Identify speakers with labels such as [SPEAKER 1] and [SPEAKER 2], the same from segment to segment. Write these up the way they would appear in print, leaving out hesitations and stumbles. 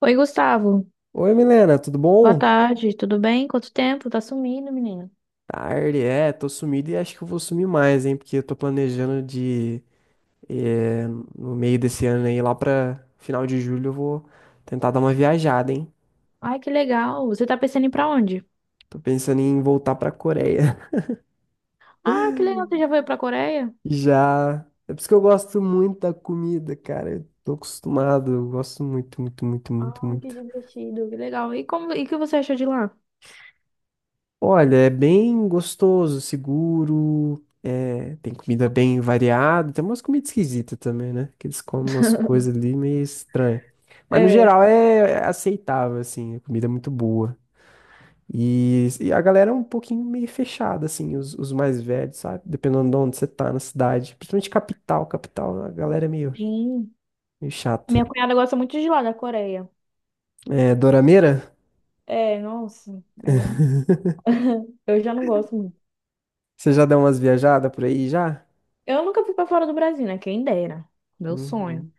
[SPEAKER 1] Oi, Gustavo.
[SPEAKER 2] Oi, Milena, tudo
[SPEAKER 1] Boa
[SPEAKER 2] bom?
[SPEAKER 1] tarde, tudo bem? Quanto tempo? Tá sumindo, menino.
[SPEAKER 2] Tarde, tô sumido e acho que eu vou sumir mais, hein? Porque eu tô planejando eh, no meio desse ano aí, lá pra final de julho, eu vou tentar dar uma viajada, hein?
[SPEAKER 1] Ai, que legal. Você tá pensando em ir pra onde?
[SPEAKER 2] Tô pensando em voltar pra Coreia.
[SPEAKER 1] Ah, que legal. Você já foi pra Coreia?
[SPEAKER 2] Já. É por isso que eu gosto muito da comida, cara. Eu tô acostumado, eu gosto muito, muito, muito, muito,
[SPEAKER 1] Ai, que
[SPEAKER 2] muito.
[SPEAKER 1] divertido, que legal. E o que você achou de lá?
[SPEAKER 2] Olha, é bem gostoso, seguro, tem comida bem variada, tem umas comidas esquisitas também, né? Que eles comem umas coisas ali meio estranhas. Mas no
[SPEAKER 1] É,
[SPEAKER 2] geral é aceitável, assim, a comida é muito boa. E a galera é um pouquinho meio fechada, assim, os mais velhos, sabe? Dependendo de onde você tá na cidade. Principalmente capital, capital, a galera é meio,
[SPEAKER 1] sim.
[SPEAKER 2] meio
[SPEAKER 1] Minha
[SPEAKER 2] chata.
[SPEAKER 1] cunhada gosta muito de lá, da Coreia.
[SPEAKER 2] É, Dorameira,
[SPEAKER 1] É, nossa. É, eu já não gosto muito.
[SPEAKER 2] você já deu umas viajadas por aí já?
[SPEAKER 1] Eu nunca fui pra fora do Brasil, né? Quem dera. Meu sonho.
[SPEAKER 2] Uhum.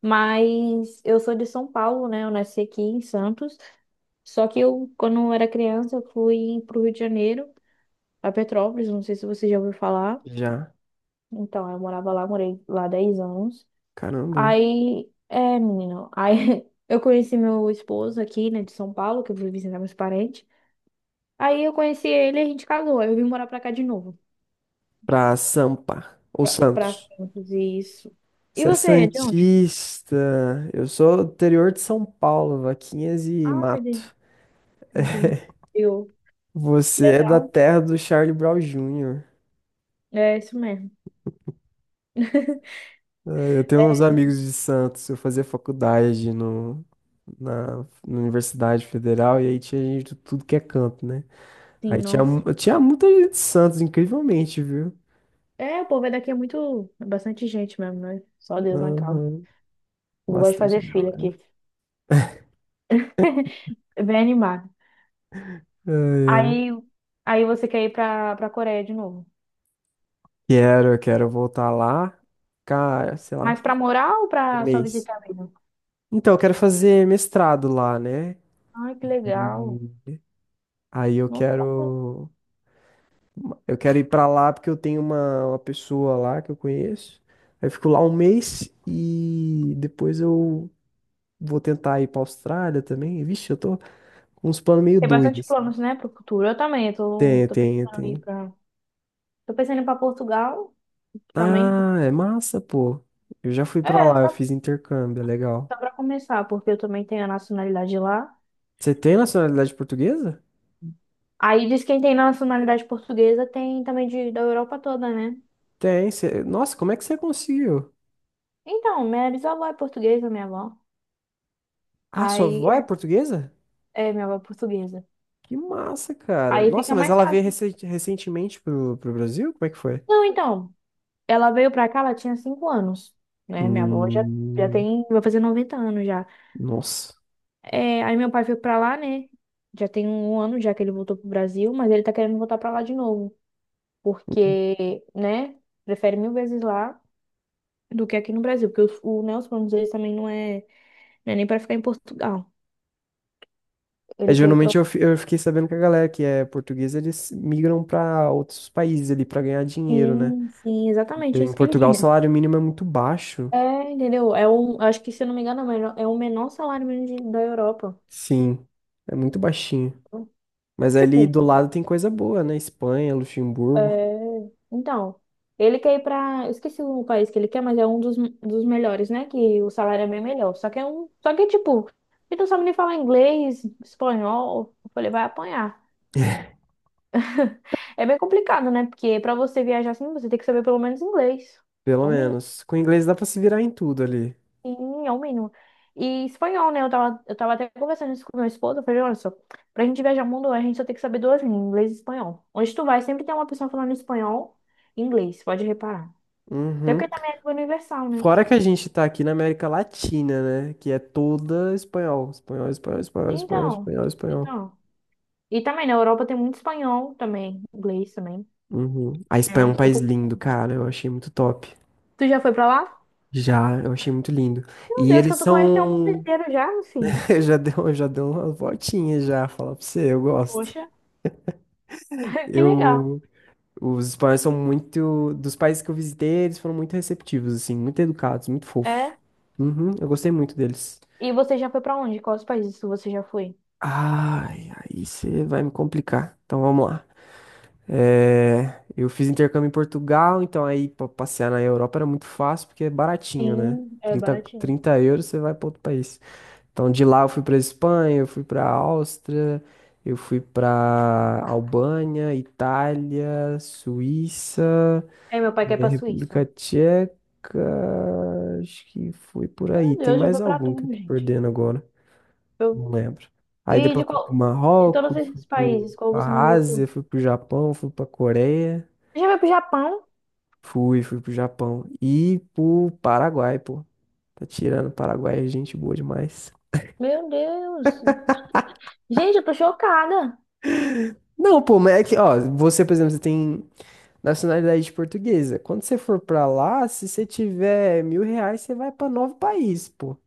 [SPEAKER 1] Mas eu sou de São Paulo, né? Eu nasci aqui em Santos. Só que eu, quando eu era criança, eu fui pro Rio de Janeiro, a Petrópolis, não sei se você já ouviu falar.
[SPEAKER 2] Já.
[SPEAKER 1] Então, morei lá 10 anos.
[SPEAKER 2] Caramba.
[SPEAKER 1] Aí, é, menino, aí eu conheci meu esposo aqui, né, de São Paulo, que eu fui visitar meus parentes. Aí eu conheci ele e a gente casou. Aí eu vim morar pra cá de novo,
[SPEAKER 2] Pra Sampa ou
[SPEAKER 1] pra
[SPEAKER 2] Santos.
[SPEAKER 1] Santos, isso. E
[SPEAKER 2] Você é
[SPEAKER 1] você, é de onde?
[SPEAKER 2] santista. Eu sou do interior de São Paulo, Vaquinhas e
[SPEAKER 1] Ah,
[SPEAKER 2] Mato.
[SPEAKER 1] tá, entendi. Eu.
[SPEAKER 2] Você é da
[SPEAKER 1] Legal.
[SPEAKER 2] terra do Charlie Brown Jr.
[SPEAKER 1] É isso mesmo.
[SPEAKER 2] É, eu tenho uns
[SPEAKER 1] É,
[SPEAKER 2] amigos de Santos. Eu fazia faculdade no, na, na Universidade Federal e aí tinha gente de tudo que é canto, né?
[SPEAKER 1] sim,
[SPEAKER 2] Aí
[SPEAKER 1] nossa.
[SPEAKER 2] tinha muita gente de Santos, incrivelmente, viu?
[SPEAKER 1] É, o povo é daqui é muito... É bastante gente mesmo, né? Só Deus na casa.
[SPEAKER 2] Aham.
[SPEAKER 1] Eu gosto de
[SPEAKER 2] Bastante
[SPEAKER 1] fazer filha
[SPEAKER 2] galera.
[SPEAKER 1] aqui. Bem animado.
[SPEAKER 2] Ai, ai.
[SPEAKER 1] Aí, aí, você quer ir pra Coreia de novo.
[SPEAKER 2] Quero, quero voltar lá. Cara, sei lá,
[SPEAKER 1] Mas pra morar ou
[SPEAKER 2] um
[SPEAKER 1] pra só
[SPEAKER 2] mês.
[SPEAKER 1] visitar mesmo?
[SPEAKER 2] Então, eu quero fazer mestrado lá, né?
[SPEAKER 1] Ai, que legal.
[SPEAKER 2] E aí
[SPEAKER 1] Nossa, bacana.
[SPEAKER 2] eu quero ir pra lá porque eu tenho uma pessoa lá que eu conheço. Aí eu fico lá 1 mês e depois eu vou tentar ir pra Austrália também. Vixe, eu tô com uns planos meio
[SPEAKER 1] Tem
[SPEAKER 2] doidos,
[SPEAKER 1] bastante
[SPEAKER 2] assim.
[SPEAKER 1] planos, né, pro futuro. Eu também, eu tô,
[SPEAKER 2] Tem,
[SPEAKER 1] tô
[SPEAKER 2] tem,
[SPEAKER 1] pensando em ir
[SPEAKER 2] tem.
[SPEAKER 1] pra... Tô pensando em ir pra Portugal também.
[SPEAKER 2] Ah, é massa, pô. Eu já fui pra
[SPEAKER 1] É,
[SPEAKER 2] lá, eu
[SPEAKER 1] só,
[SPEAKER 2] fiz intercâmbio, é legal.
[SPEAKER 1] só pra começar, porque eu também tenho a nacionalidade lá.
[SPEAKER 2] Você tem nacionalidade portuguesa?
[SPEAKER 1] Aí diz que quem tem nacionalidade portuguesa tem também da Europa toda, né?
[SPEAKER 2] Tem. Você... Nossa, como é que você conseguiu?
[SPEAKER 1] Então, minha bisavó é portuguesa, minha avó.
[SPEAKER 2] Ah, sua avó é
[SPEAKER 1] Aí,
[SPEAKER 2] portuguesa?
[SPEAKER 1] é, minha avó é portuguesa.
[SPEAKER 2] Que massa, cara.
[SPEAKER 1] Aí
[SPEAKER 2] Nossa,
[SPEAKER 1] fica
[SPEAKER 2] mas
[SPEAKER 1] mais
[SPEAKER 2] ela veio
[SPEAKER 1] fácil.
[SPEAKER 2] recentemente pro Brasil? Como é que foi?
[SPEAKER 1] Não, então... Ela veio pra cá, ela tinha 5 anos, né? Minha avó já
[SPEAKER 2] Hum,
[SPEAKER 1] tem, vai fazer 90 anos já.
[SPEAKER 2] nossa.
[SPEAKER 1] É, aí meu pai foi pra lá, né? Já tem 1 ano já que ele voltou pro Brasil, mas ele tá querendo voltar pra lá de novo, porque, né? Prefere mil vezes lá do que aqui no Brasil, porque o, né, os planos deles também não é, não é nem pra ficar em Portugal.
[SPEAKER 2] É,
[SPEAKER 1] Ele quer ir
[SPEAKER 2] geralmente
[SPEAKER 1] pro...
[SPEAKER 2] eu fiquei sabendo que a galera que é portuguesa, eles migram pra outros países ali pra ganhar dinheiro, né?
[SPEAKER 1] Sim, sim, exatamente
[SPEAKER 2] Em
[SPEAKER 1] isso que ele
[SPEAKER 2] Portugal o
[SPEAKER 1] quer.
[SPEAKER 2] salário mínimo é muito baixo.
[SPEAKER 1] É, entendeu? É um, acho que, se eu não me engano, é o menor salário mínimo da Europa.
[SPEAKER 2] Sim, é muito baixinho. Mas ali
[SPEAKER 1] Tipo,
[SPEAKER 2] do lado tem coisa boa, né? Espanha, Luxemburgo,
[SPEAKER 1] é, então, ele quer ir pra. Eu esqueci o país que ele quer, mas é um dos melhores, né? Que o salário é bem melhor. Só que é um. Só que, tipo, ele não sabe nem falar inglês, espanhol. Eu falei, vai apanhar. É bem complicado, né? Porque pra você viajar assim, você tem que saber pelo menos inglês.
[SPEAKER 2] pelo
[SPEAKER 1] É o mínimo,
[SPEAKER 2] menos. Com inglês dá pra se virar em tudo ali.
[SPEAKER 1] sim, é o mínimo. E espanhol, né? Eu tava até conversando isso com meu esposo. Eu falei, olha só, pra gente viajar o mundo, a gente só tem que saber duas línguas, inglês e espanhol. Onde tu vai, sempre tem uma pessoa falando espanhol e inglês, pode reparar. Até porque
[SPEAKER 2] Uhum.
[SPEAKER 1] também é língua universal, né?
[SPEAKER 2] Fora que a gente tá aqui na América Latina, né? Que é toda espanhol. Espanhol, espanhol, espanhol, espanhol,
[SPEAKER 1] Então,
[SPEAKER 2] espanhol, espanhol.
[SPEAKER 1] então. E também na Europa tem muito espanhol também, inglês também.
[SPEAKER 2] Uhum. A Espanha é
[SPEAKER 1] É.
[SPEAKER 2] um
[SPEAKER 1] um
[SPEAKER 2] país
[SPEAKER 1] pouco-
[SPEAKER 2] lindo, cara. Eu achei muito top.
[SPEAKER 1] Tu já foi pra lá?
[SPEAKER 2] Já, eu achei muito lindo.
[SPEAKER 1] Meu
[SPEAKER 2] E
[SPEAKER 1] Deus,
[SPEAKER 2] eles
[SPEAKER 1] tu conheceu o mundo
[SPEAKER 2] são.
[SPEAKER 1] inteiro já, meu filho.
[SPEAKER 2] Eu já deu, já deu umas voltinhas já, falar pra você, eu gosto.
[SPEAKER 1] Poxa, que legal.
[SPEAKER 2] Eu. Os espanhóis são muito. Dos países que eu visitei, eles foram muito receptivos, assim, muito educados, muito fofos.
[SPEAKER 1] É.
[SPEAKER 2] Uhum, eu gostei muito deles.
[SPEAKER 1] E você já foi pra onde? Quais países você já foi?
[SPEAKER 2] Ai, aí você vai me complicar. Então vamos lá. É, eu fiz intercâmbio em Portugal, então aí pra passear na Europa era muito fácil porque é baratinho, né?
[SPEAKER 1] Sim, é baratinho.
[SPEAKER 2] 30 euros você vai para outro país. Então de lá eu fui para Espanha, eu fui para Áustria, eu fui para Albânia, Itália, Suíça,
[SPEAKER 1] É, meu pai quer ir
[SPEAKER 2] eh,
[SPEAKER 1] pra Suíça.
[SPEAKER 2] República Tcheca, acho que foi por
[SPEAKER 1] Meu
[SPEAKER 2] aí. Tem
[SPEAKER 1] Deus, já
[SPEAKER 2] mais
[SPEAKER 1] foi pra
[SPEAKER 2] algum que eu
[SPEAKER 1] tudo,
[SPEAKER 2] tô
[SPEAKER 1] gente.
[SPEAKER 2] perdendo agora?
[SPEAKER 1] Eu...
[SPEAKER 2] Não lembro. Aí
[SPEAKER 1] E de
[SPEAKER 2] depois fui pro
[SPEAKER 1] qual... De todos
[SPEAKER 2] Marrocos, fui
[SPEAKER 1] esses
[SPEAKER 2] pro
[SPEAKER 1] países, qual você mais
[SPEAKER 2] a Ásia,
[SPEAKER 1] gostou?
[SPEAKER 2] fui pro Japão, fui para Coreia.
[SPEAKER 1] Você já foi pro Japão?
[SPEAKER 2] Fui, fui pro Japão e pro Paraguai, pô. Tá tirando Paraguai, é gente boa demais.
[SPEAKER 1] Meu Deus. Gente, eu tô chocada.
[SPEAKER 2] Não, pô, mas é que, ó, você, por exemplo, você tem nacionalidade portuguesa. Quando você for pra lá, se você tiver 1000 reais, você vai pra 9 países, pô.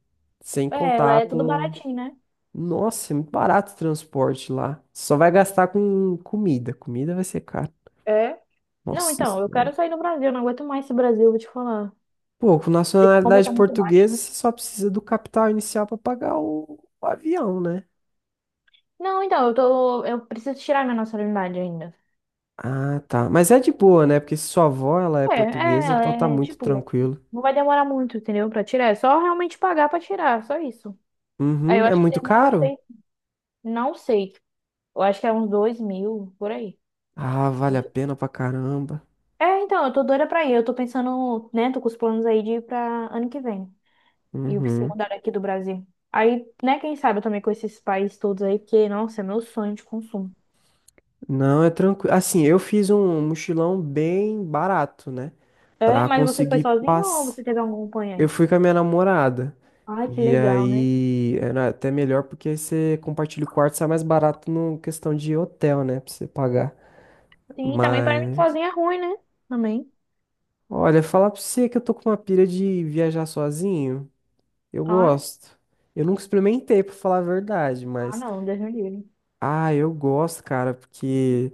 [SPEAKER 2] Sem
[SPEAKER 1] É, lá
[SPEAKER 2] contar
[SPEAKER 1] é tudo
[SPEAKER 2] com.
[SPEAKER 1] baratinho, né?
[SPEAKER 2] Nossa, é muito barato o transporte lá. Só vai gastar com comida. Comida vai ser caro.
[SPEAKER 1] É? Não,
[SPEAKER 2] Nossa
[SPEAKER 1] então, eu
[SPEAKER 2] Senhora.
[SPEAKER 1] quero sair do Brasil, eu não aguento mais esse Brasil, vou te falar.
[SPEAKER 2] Pô, com
[SPEAKER 1] A gente compra tá
[SPEAKER 2] nacionalidade
[SPEAKER 1] muito baixo.
[SPEAKER 2] portuguesa, você só precisa do capital inicial pra pagar o avião, né?
[SPEAKER 1] Não, então, eu tô. Eu preciso tirar minha nacionalidade ainda.
[SPEAKER 2] Ah, tá. Mas é de boa, né? Porque se sua avó, ela é
[SPEAKER 1] É,
[SPEAKER 2] portuguesa,
[SPEAKER 1] ela
[SPEAKER 2] então tá
[SPEAKER 1] é
[SPEAKER 2] muito
[SPEAKER 1] tipo,
[SPEAKER 2] tranquilo.
[SPEAKER 1] não vai demorar muito, entendeu? Pra tirar. É só realmente pagar pra tirar, só isso. Aí eu
[SPEAKER 2] Uhum. É
[SPEAKER 1] acho que
[SPEAKER 2] muito
[SPEAKER 1] demora, não
[SPEAKER 2] caro?
[SPEAKER 1] sei. Não sei. Eu acho que é uns 2.000, por aí.
[SPEAKER 2] Ah, vale a pena pra caramba.
[SPEAKER 1] É, então, eu tô doida pra ir. Eu tô pensando, né? Tô com os planos aí de ir pra ano que vem. E se
[SPEAKER 2] Uhum.
[SPEAKER 1] mudaram aqui do Brasil. Aí, né, quem sabe eu também com esses países todos aí, porque, nossa, é meu sonho de consumo.
[SPEAKER 2] Não, é tranquilo. Assim, eu fiz um mochilão bem barato, né?
[SPEAKER 1] É,
[SPEAKER 2] Pra
[SPEAKER 1] mas você foi
[SPEAKER 2] conseguir
[SPEAKER 1] sozinho ou
[SPEAKER 2] paz.
[SPEAKER 1] você teve algum
[SPEAKER 2] Eu
[SPEAKER 1] acompanhante?
[SPEAKER 2] fui com a minha namorada.
[SPEAKER 1] Ai, que
[SPEAKER 2] E
[SPEAKER 1] legal, né?
[SPEAKER 2] aí, era até melhor porque você compartilha o quarto, sai mais barato no questão de hotel, né? Pra você pagar.
[SPEAKER 1] Sim, também para mim
[SPEAKER 2] Mas
[SPEAKER 1] sozinha é ruim, né? Também.
[SPEAKER 2] olha, falar pra você que eu tô com uma pira de viajar sozinho. Eu
[SPEAKER 1] Ah,
[SPEAKER 2] gosto. Eu nunca experimentei, pra falar a verdade, mas.
[SPEAKER 1] não, Deus me livre.
[SPEAKER 2] Ah, eu gosto, cara, porque.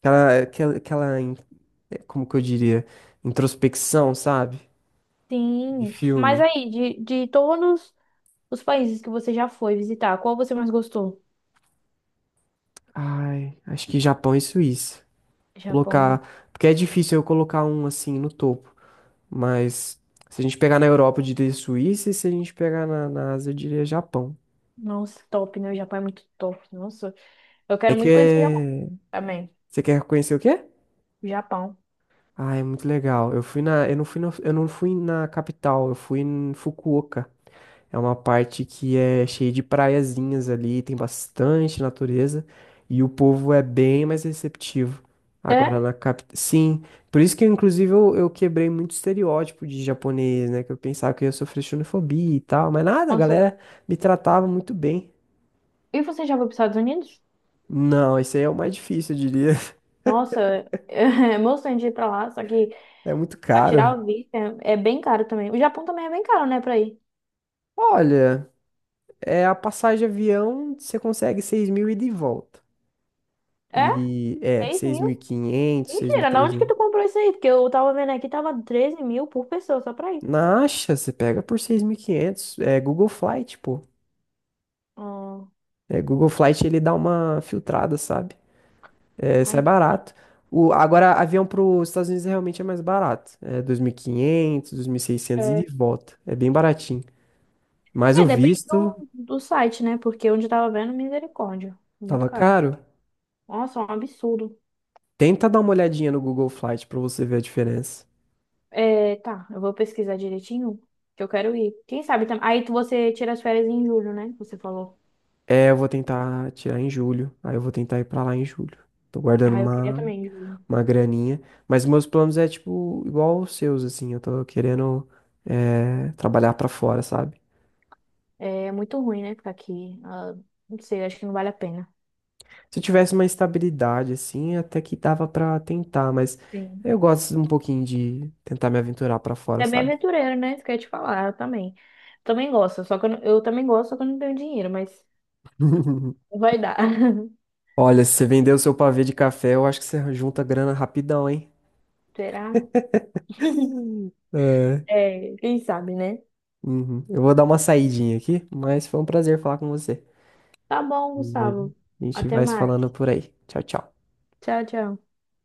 [SPEAKER 2] Aquela, aquela, aquela in- Como que eu diria? Introspecção, sabe? De
[SPEAKER 1] Sim, mas
[SPEAKER 2] filme.
[SPEAKER 1] aí, de todos os países que você já foi visitar, qual você mais gostou?
[SPEAKER 2] Ai, acho que Japão e Suíça.
[SPEAKER 1] Japão,
[SPEAKER 2] Colocar. Porque é difícil eu colocar um assim no topo. Mas se a gente pegar na Europa, eu diria Suíça, e se a gente pegar na Ásia, eu diria Japão.
[SPEAKER 1] nossa, top, né? O Japão é muito top, nossa. Eu
[SPEAKER 2] É
[SPEAKER 1] quero
[SPEAKER 2] que.
[SPEAKER 1] muito conhecer o Japão
[SPEAKER 2] É-
[SPEAKER 1] também.
[SPEAKER 2] Você quer conhecer o quê?
[SPEAKER 1] Japão.
[SPEAKER 2] Ah, é muito legal. Eu fui eu não fui na capital, eu fui em Fukuoka. É uma parte que é cheia de praiazinhas ali, tem bastante natureza e o povo é bem mais receptivo.
[SPEAKER 1] É?
[SPEAKER 2] Agora na capital, sim. Por isso que inclusive eu quebrei muito estereótipo de japonês, né? Que eu pensava que eu ia sofrer xenofobia e tal, mas nada, a
[SPEAKER 1] Nossa.
[SPEAKER 2] galera me tratava muito bem.
[SPEAKER 1] E você já foi para os Estados Unidos?
[SPEAKER 2] Não, esse aí é o mais difícil, eu diria.
[SPEAKER 1] Nossa, é emocionante ir pra lá, só que
[SPEAKER 2] É muito
[SPEAKER 1] pra
[SPEAKER 2] caro.
[SPEAKER 1] tirar o visto é bem caro também. O Japão também é bem caro, né, pra ir.
[SPEAKER 2] Olha. É a passagem de avião, você consegue 6 mil e de volta.
[SPEAKER 1] É?
[SPEAKER 2] E é,
[SPEAKER 1] 6 mil?
[SPEAKER 2] 6.500,
[SPEAKER 1] Mentira, na onde que
[SPEAKER 2] trezentos.
[SPEAKER 1] tu comprou isso aí? Porque eu tava vendo aqui, tava 13.000 por pessoa, só pra ir.
[SPEAKER 2] Na Acha, você pega por 6500. É Google Flight, pô.
[SPEAKER 1] Ah,
[SPEAKER 2] É, Google Flight ele dá uma filtrada, sabe? É,
[SPEAKER 1] ai,
[SPEAKER 2] sai
[SPEAKER 1] entendi.
[SPEAKER 2] barato. O, agora, avião para os Estados Unidos é realmente é mais barato. É 2.500, 2.600 e 600 e
[SPEAKER 1] é,
[SPEAKER 2] de volta. É bem baratinho. Mas o
[SPEAKER 1] é, depende
[SPEAKER 2] visto
[SPEAKER 1] do site, né? Porque onde eu tava vendo, misericórdia. Muito
[SPEAKER 2] tava
[SPEAKER 1] caro.
[SPEAKER 2] caro.
[SPEAKER 1] Nossa, é um absurdo.
[SPEAKER 2] Tenta dar uma olhadinha no Google Flight para você ver a diferença.
[SPEAKER 1] É, tá, eu vou pesquisar direitinho, que eu quero ir. Quem sabe também. Aí você tira as férias em julho, né? Você falou.
[SPEAKER 2] É, eu vou tentar tirar em julho. Aí eu vou tentar ir pra lá em julho. Tô guardando
[SPEAKER 1] Ah, eu queria também em julho.
[SPEAKER 2] uma graninha. Mas meus planos é, tipo, igual os seus, assim. Eu tô querendo, é, trabalhar pra fora, sabe?
[SPEAKER 1] É muito ruim, né? Ficar aqui. Ah, não sei, acho que não vale a pena.
[SPEAKER 2] Se eu tivesse uma estabilidade, assim, até que dava pra tentar. Mas
[SPEAKER 1] Sim.
[SPEAKER 2] eu gosto um pouquinho de tentar me aventurar pra fora,
[SPEAKER 1] É bem
[SPEAKER 2] sabe?
[SPEAKER 1] aventureiro, né? Isso que eu ia te falar, eu também. Também gosto, só que eu, não- eu também gosto, só que eu não tenho dinheiro, mas vai dar.
[SPEAKER 2] Olha, se você vender o seu pavê de café, eu acho que você junta grana rapidão, hein?
[SPEAKER 1] Será?
[SPEAKER 2] É.
[SPEAKER 1] É, quem sabe, né?
[SPEAKER 2] Uhum. Eu vou dar uma saidinha aqui, mas foi um prazer falar com você.
[SPEAKER 1] Tá bom,
[SPEAKER 2] E aí,
[SPEAKER 1] Gustavo.
[SPEAKER 2] a gente
[SPEAKER 1] Até
[SPEAKER 2] vai se
[SPEAKER 1] mais.
[SPEAKER 2] falando por aí. Tchau, tchau.
[SPEAKER 1] Tchau, tchau.